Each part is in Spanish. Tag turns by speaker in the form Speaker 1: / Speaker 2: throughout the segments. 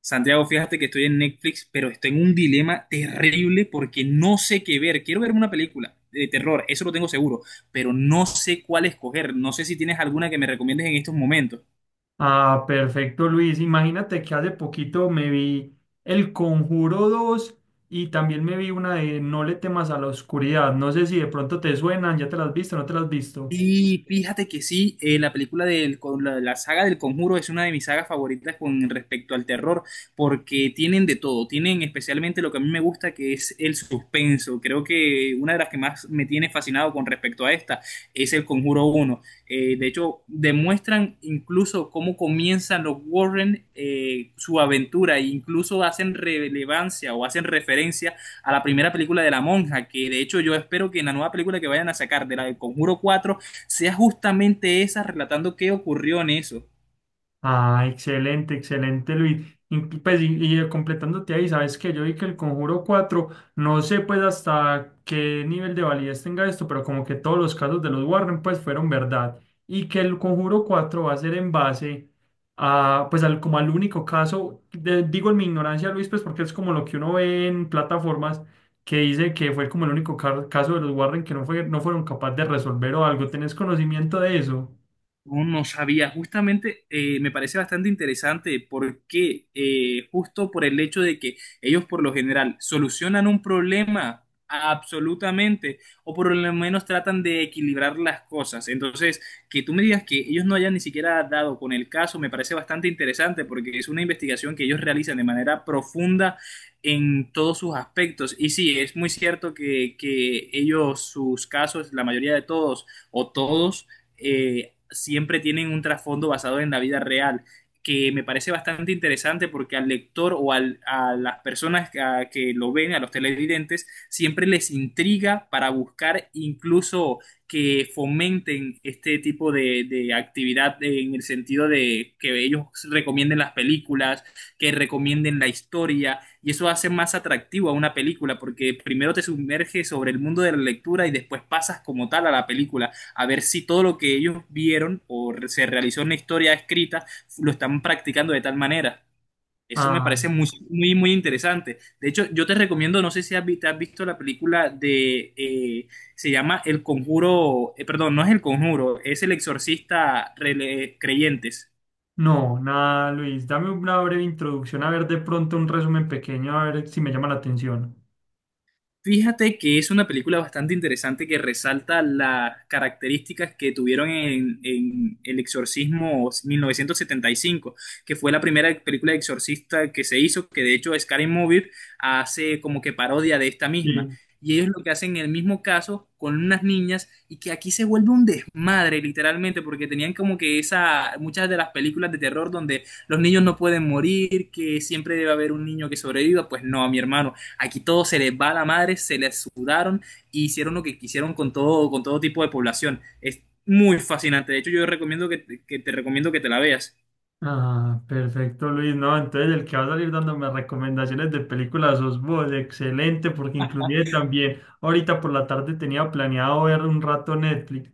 Speaker 1: Santiago, fíjate que estoy en Netflix, pero estoy en un dilema terrible porque no sé qué ver. Quiero ver una película de terror, eso lo tengo seguro, pero no sé cuál escoger. No sé si tienes alguna que me recomiendes en estos momentos.
Speaker 2: Ah, perfecto, Luis. Imagínate que hace poquito me vi El Conjuro 2 y también me vi una de No le temas a la oscuridad. No sé si de pronto te suenan, ya te las has visto, no te las has visto.
Speaker 1: Y fíjate que sí, la película con la saga del Conjuro es una de mis sagas favoritas con respecto al terror, porque tienen de todo, tienen especialmente lo que a mí me gusta, que es el suspenso. Creo que una de las que más me tiene fascinado con respecto a esta es el Conjuro uno. De hecho, demuestran incluso cómo comienzan los Warren, su aventura, e incluso hacen relevancia o hacen referencia a la primera película de La Monja, que de hecho yo espero que en la nueva película que vayan a sacar de la del Conjuro cuatro sea justamente esa relatando qué ocurrió en eso.
Speaker 2: Ah, excelente, excelente, Luis. Y, pues, y completándote ahí, sabes que yo vi que el Conjuro 4, no sé pues hasta qué nivel de validez tenga esto, pero como que todos los casos de los Warren pues fueron verdad. Y que el Conjuro 4 va a ser en base a, pues al, como al único caso, digo en mi ignorancia, Luis, pues porque es como lo que uno ve en plataformas que dice que fue como el único caso de los Warren que no fue, no fueron capaces de resolver o algo. ¿Tenés conocimiento de eso?
Speaker 1: No, no sabía, justamente me parece bastante interesante porque justo por el hecho de que ellos por lo general solucionan un problema absolutamente o por lo menos tratan de equilibrar las cosas. Entonces, que tú me digas que ellos no hayan ni siquiera dado con el caso me parece bastante interesante porque es una investigación que ellos realizan de manera profunda en todos sus aspectos. Y sí, es muy cierto que ellos, sus casos, la mayoría de todos o todos, siempre tienen un trasfondo basado en la vida real, que me parece bastante interesante porque al lector o al, a las personas que, a que lo ven, a los televidentes, siempre les intriga para buscar incluso que fomenten este tipo de actividad en el sentido de que ellos recomienden las películas, que recomienden la historia, y eso hace más atractivo a una película, porque primero te sumerges sobre el mundo de la lectura y después pasas como tal a la película a ver si todo lo que ellos vieron o se realizó en la historia escrita lo están practicando de tal manera. Eso me
Speaker 2: Ah.
Speaker 1: parece muy, muy, muy interesante. De hecho, yo te recomiendo, no sé si has visto la película de, se llama El Conjuro, perdón, no es El Conjuro, es El Exorcista Creyentes.
Speaker 2: No, nada, Luis. Dame una breve introducción, a ver de pronto un resumen pequeño, a ver si me llama la atención.
Speaker 1: Fíjate que es una película bastante interesante que resalta las características que tuvieron en El Exorcismo 1975, que fue la primera película de exorcista que se hizo, que de hecho Scary Movie hace como que parodia de esta misma.
Speaker 2: Sí.
Speaker 1: Y ellos lo que hacen en el mismo caso con unas niñas y que aquí se vuelve un desmadre literalmente porque tenían como que esa, muchas de las películas de terror donde los niños no pueden morir, que siempre debe haber un niño que sobreviva, pues no, mi hermano. Aquí todo se les va a la madre, se les sudaron y e hicieron lo que quisieron con todo tipo de población. Es muy fascinante. De hecho, yo recomiendo que te recomiendo que te la veas.
Speaker 2: Ah, perfecto, Luis. No, entonces el que va a salir dándome recomendaciones de películas sos vos. Excelente, porque inclusive también ahorita por la tarde tenía planeado ver un rato Netflix.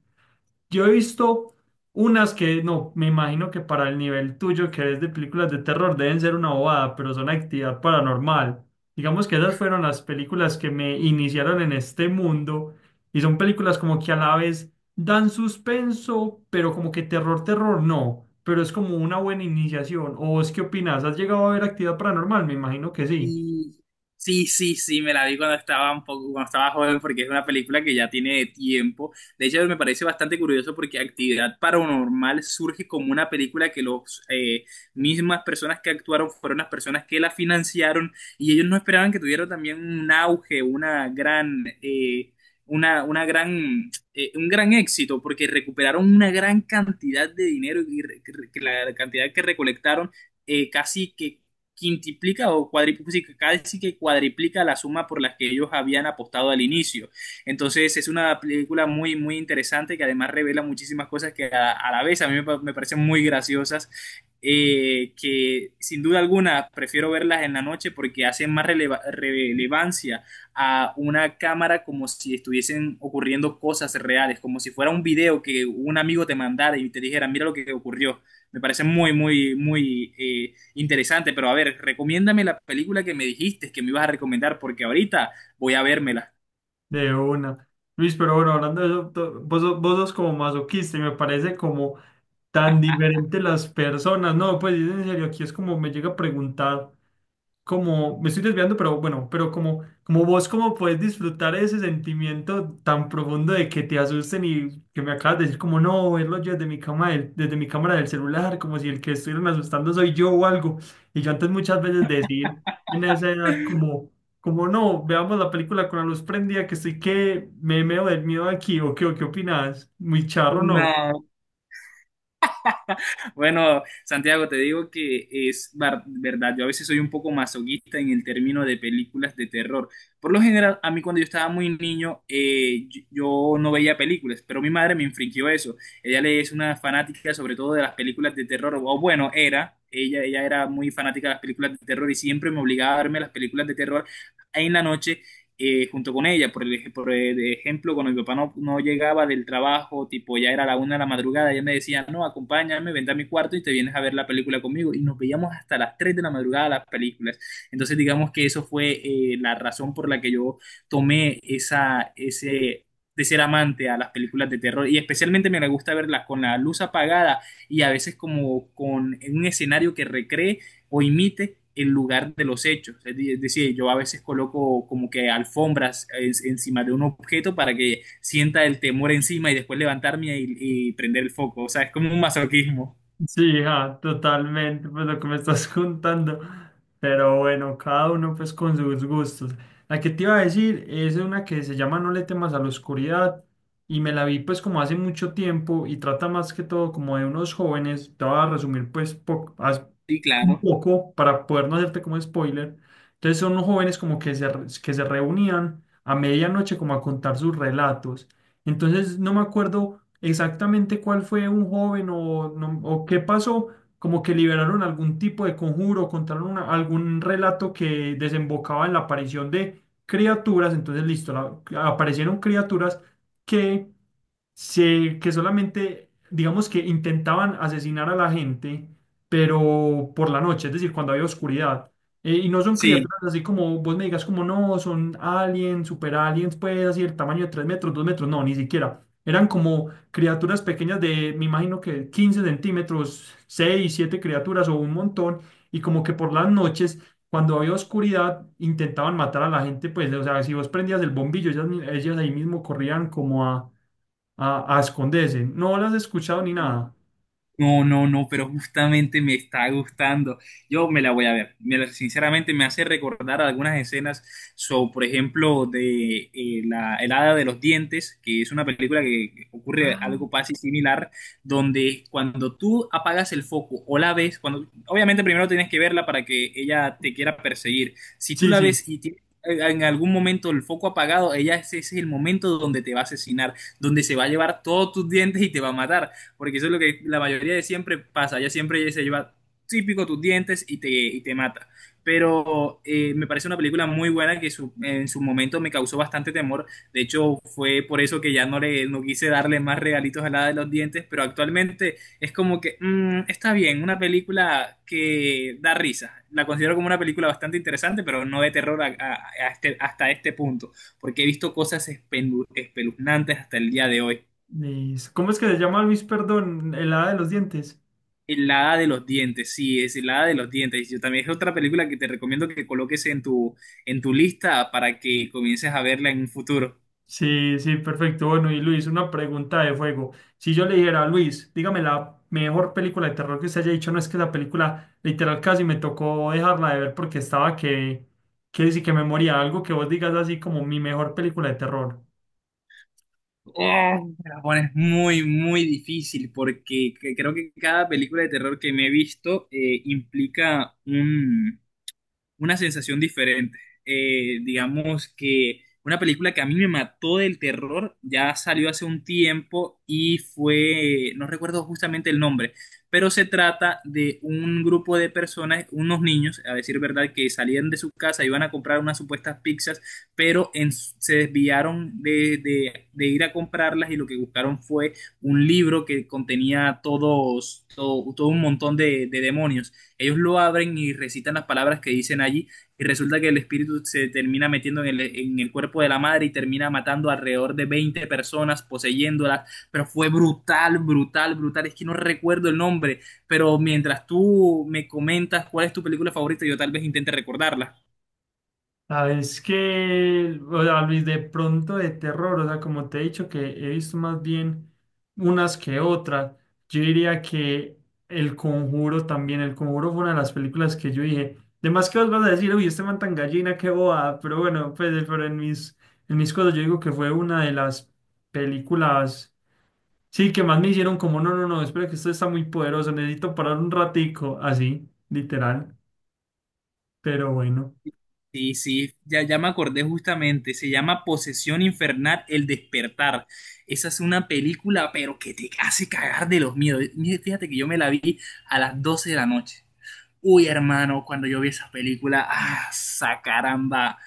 Speaker 2: Yo he visto unas que, no, me imagino que para el nivel tuyo que es de películas de terror deben ser una bobada, pero son actividad paranormal. Digamos que esas fueron las películas que me iniciaron en este mundo y son películas como que a la vez dan suspenso, pero como que terror, terror no, pero es como una buena iniciación. ¿O vos qué opinas? ¿Has llegado a ver actividad paranormal? Me imagino que sí,
Speaker 1: Y sí, sí, sí, me la vi cuando estaba un poco, cuando estaba joven, porque es una película que ya tiene tiempo. De hecho, me parece bastante curioso porque Actividad Paranormal surge como una película que los mismas personas que actuaron fueron las personas que la financiaron y ellos no esperaban que tuvieran también un auge, una gran, una gran, un gran éxito porque recuperaron una gran cantidad de dinero que la cantidad que recolectaron casi que quintuplica o cuadriplica, casi sí que cuadriplica la suma por la que ellos habían apostado al inicio. Entonces es una película muy, muy interesante que además revela muchísimas cosas que a la vez a mí me, me parecen muy graciosas. Que sin duda alguna prefiero verlas en la noche porque hacen más relevancia a una cámara como si estuviesen ocurriendo cosas reales, como si fuera un video que un amigo te mandara y te dijera, mira lo que ocurrió. Me parece muy, muy, muy, interesante, pero a ver, recomiéndame la película que me dijiste que me ibas a recomendar, porque ahorita voy a vérmela.
Speaker 2: de una. Luis, pero bueno, hablando de eso, vos, vos sos como masoquista y me parece como tan diferentes las personas, no, pues en serio, aquí es como me llega a preguntar, como, me estoy desviando, pero bueno, pero como vos, cómo puedes disfrutar ese sentimiento tan profundo de que te asusten y que me acabas de decir como, no, verlo yo desde mi cama, desde mi cámara del celular, como si el que estuvieran asustando soy yo o algo, y yo antes muchas veces decir, en esa edad, como, como no, veamos la película con la luz prendida, que estoy que me meo del miedo aquí, o qué opinas, muy charro, no.
Speaker 1: No, bueno, Santiago, te digo que es verdad, yo a veces soy un poco masoquista en el término de películas de terror. Por lo general, a mí cuando yo estaba muy niño, yo no veía películas, pero mi madre me infringió eso. Es una fanática sobre todo de las películas de terror, o bueno, era, ella era muy fanática de las películas de terror y siempre me obligaba a verme las películas de terror en la noche, junto con ella. Por el ejemplo, cuando mi papá no, no llegaba del trabajo, tipo ya era la una de la madrugada, ella me decía, no, acompáñame, vente a mi cuarto y te vienes a ver la película conmigo. Y nos veíamos hasta las 3 de la madrugada las películas. Entonces, digamos que eso fue la razón por la que yo tomé esa, ese, de ser amante a las películas de terror y especialmente me gusta verlas con la luz apagada y a veces como con un escenario que recree o imite el lugar de los hechos. Es decir, yo a veces coloco como que alfombras encima de un objeto para que sienta el temor encima y después levantarme y prender el foco. O sea, es como un masoquismo.
Speaker 2: Sí, ja, totalmente, pues lo que me estás contando. Pero bueno, cada uno pues con sus gustos. La que te iba a decir es una que se llama No le temas a la oscuridad y me la vi pues como hace mucho tiempo y trata más que todo como de unos jóvenes. Te voy a resumir pues
Speaker 1: Sí,
Speaker 2: un
Speaker 1: claro.
Speaker 2: poco para poder no hacerte como spoiler. Entonces son unos jóvenes como que se, que se reunían a medianoche como a contar sus relatos. Entonces no me acuerdo exactamente cuál fue un joven o, no- o qué pasó, como que liberaron algún tipo de conjuro, contaron algún relato que desembocaba en la aparición de criaturas. Entonces listo, aparecieron criaturas que se, que solamente, digamos que intentaban asesinar a la gente, pero por la noche, es decir, cuando había oscuridad. Y no son
Speaker 1: Sí.
Speaker 2: criaturas así como vos me digas, como no, son aliens, super aliens, pues así el tamaño de 3 metros, 2 metros, no, ni siquiera. Eran como criaturas pequeñas de, me imagino que 15 centímetros, 6 7 criaturas o un montón, y como que por las noches, cuando había oscuridad, intentaban matar a la gente, pues, o sea, si vos prendías el bombillo, ellas ahí mismo corrían como a a esconderse. No las he escuchado ni nada.
Speaker 1: No, no, no, pero justamente me está gustando. Yo me la voy a ver. Sinceramente me hace recordar algunas escenas, so, por ejemplo, de El Hada de los Dientes, que es una película que ocurre
Speaker 2: Ah.
Speaker 1: algo casi similar, donde cuando tú apagas el foco o la ves, cuando, obviamente primero tienes que verla para que ella te quiera perseguir. Si tú
Speaker 2: Sí,
Speaker 1: la
Speaker 2: sí.
Speaker 1: ves y tienes en algún momento el foco apagado, ella ese es el momento donde te va a asesinar, donde se va a llevar todos tus dientes y te va a matar porque eso es lo que la mayoría de siempre pasa, ya siempre se lleva típico tus dientes y te mata. Pero me parece una película muy buena que en su momento me causó bastante temor. De hecho, fue por eso que ya no quise darle más regalitos a la de los dientes, pero actualmente es como que está bien, una película que da risa. La considero como una película bastante interesante, pero no de terror hasta este punto, porque he visto cosas espeluznantes hasta el día de hoy.
Speaker 2: ¿Cómo es que se llama, Luis, perdón? El hada de los dientes.
Speaker 1: El hada de los dientes, sí, es el hada de los dientes. Yo también es otra película que te recomiendo que coloques en tu lista para que comiences a verla en un futuro.
Speaker 2: Sí, sí, perfecto. Bueno, y Luis, una pregunta de fuego. Si yo le dijera a Luis, dígame la mejor película de terror que usted haya dicho, no es que la película literal casi me tocó dejarla de ver porque estaba que sí que me moría. Algo que vos digas así como mi mejor película de terror.
Speaker 1: Oh, me la pones muy, muy difícil porque creo que cada película de terror que me he visto implica una sensación diferente. Digamos que una película que a mí me mató del terror ya salió hace un tiempo y fue, no recuerdo justamente el nombre, pero se trata de un grupo de personas, unos niños, a decir verdad, que salían de su casa, iban a comprar unas supuestas pizzas, pero se desviaron de ir a comprarlas y lo que buscaron fue un libro que contenía todo un montón de demonios. Ellos lo abren y recitan las palabras que dicen allí y resulta que el espíritu se termina metiendo en el cuerpo de la madre y termina matando alrededor de 20 personas, poseyéndolas, pero fue brutal, brutal, brutal. Es que no recuerdo el nombre, pero mientras tú me comentas cuál es tu película favorita, yo tal vez intente recordarla.
Speaker 2: Ah, es que, o sea, Luis, de pronto de terror, o sea, como te he dicho que he visto más bien unas que otras, yo diría que El Conjuro también, El Conjuro fue una de las películas que yo dije, de más que vos vas a decir, uy, este man tan gallina, qué boba, pero bueno, pues, pero en mis cosas yo digo que fue una de las películas, sí, que más me hicieron como, no, no, no, espera que esto está muy poderoso, necesito parar un ratico, así, literal, pero bueno.
Speaker 1: Sí, sí, ya me acordé justamente, se llama Posesión Infernal, El Despertar. Esa es una película, pero que te hace cagar de los miedos. Mira, fíjate que yo me la vi a las 12 de la noche. Uy, hermano, cuando yo vi esa película, ah, sa caramba,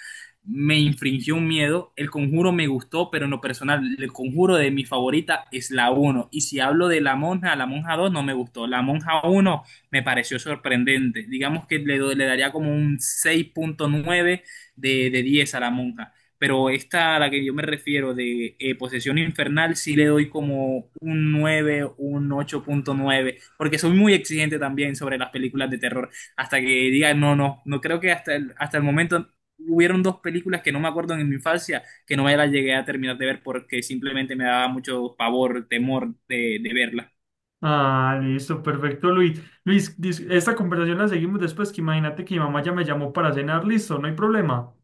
Speaker 1: me infringió un miedo. El Conjuro me gustó, pero en lo personal, el Conjuro de mi favorita es la uno. Y si hablo de la monja 2 no me gustó. La monja uno me pareció sorprendente. Digamos que le daría como un 6,9 de 10 a la monja, pero esta a la que yo me refiero de Posesión Infernal sí le doy como un 9 un 8,9 porque soy muy exigente también sobre las películas de terror, hasta que diga, no, no, no creo que hasta el momento hubieron dos películas que no me acuerdo en mi infancia, que no me las llegué a terminar de ver porque simplemente me daba mucho pavor, temor de verlas.
Speaker 2: Ah, listo, perfecto, Luis. Luis, esta conversación la seguimos después, que imagínate que mi mamá ya me llamó para cenar, listo, no hay problema.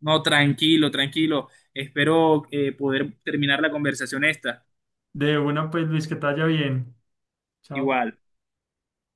Speaker 1: No, tranquilo, tranquilo, espero poder terminar la conversación esta,
Speaker 2: De una, pues, Luis, que te vaya bien. Chao.
Speaker 1: igual.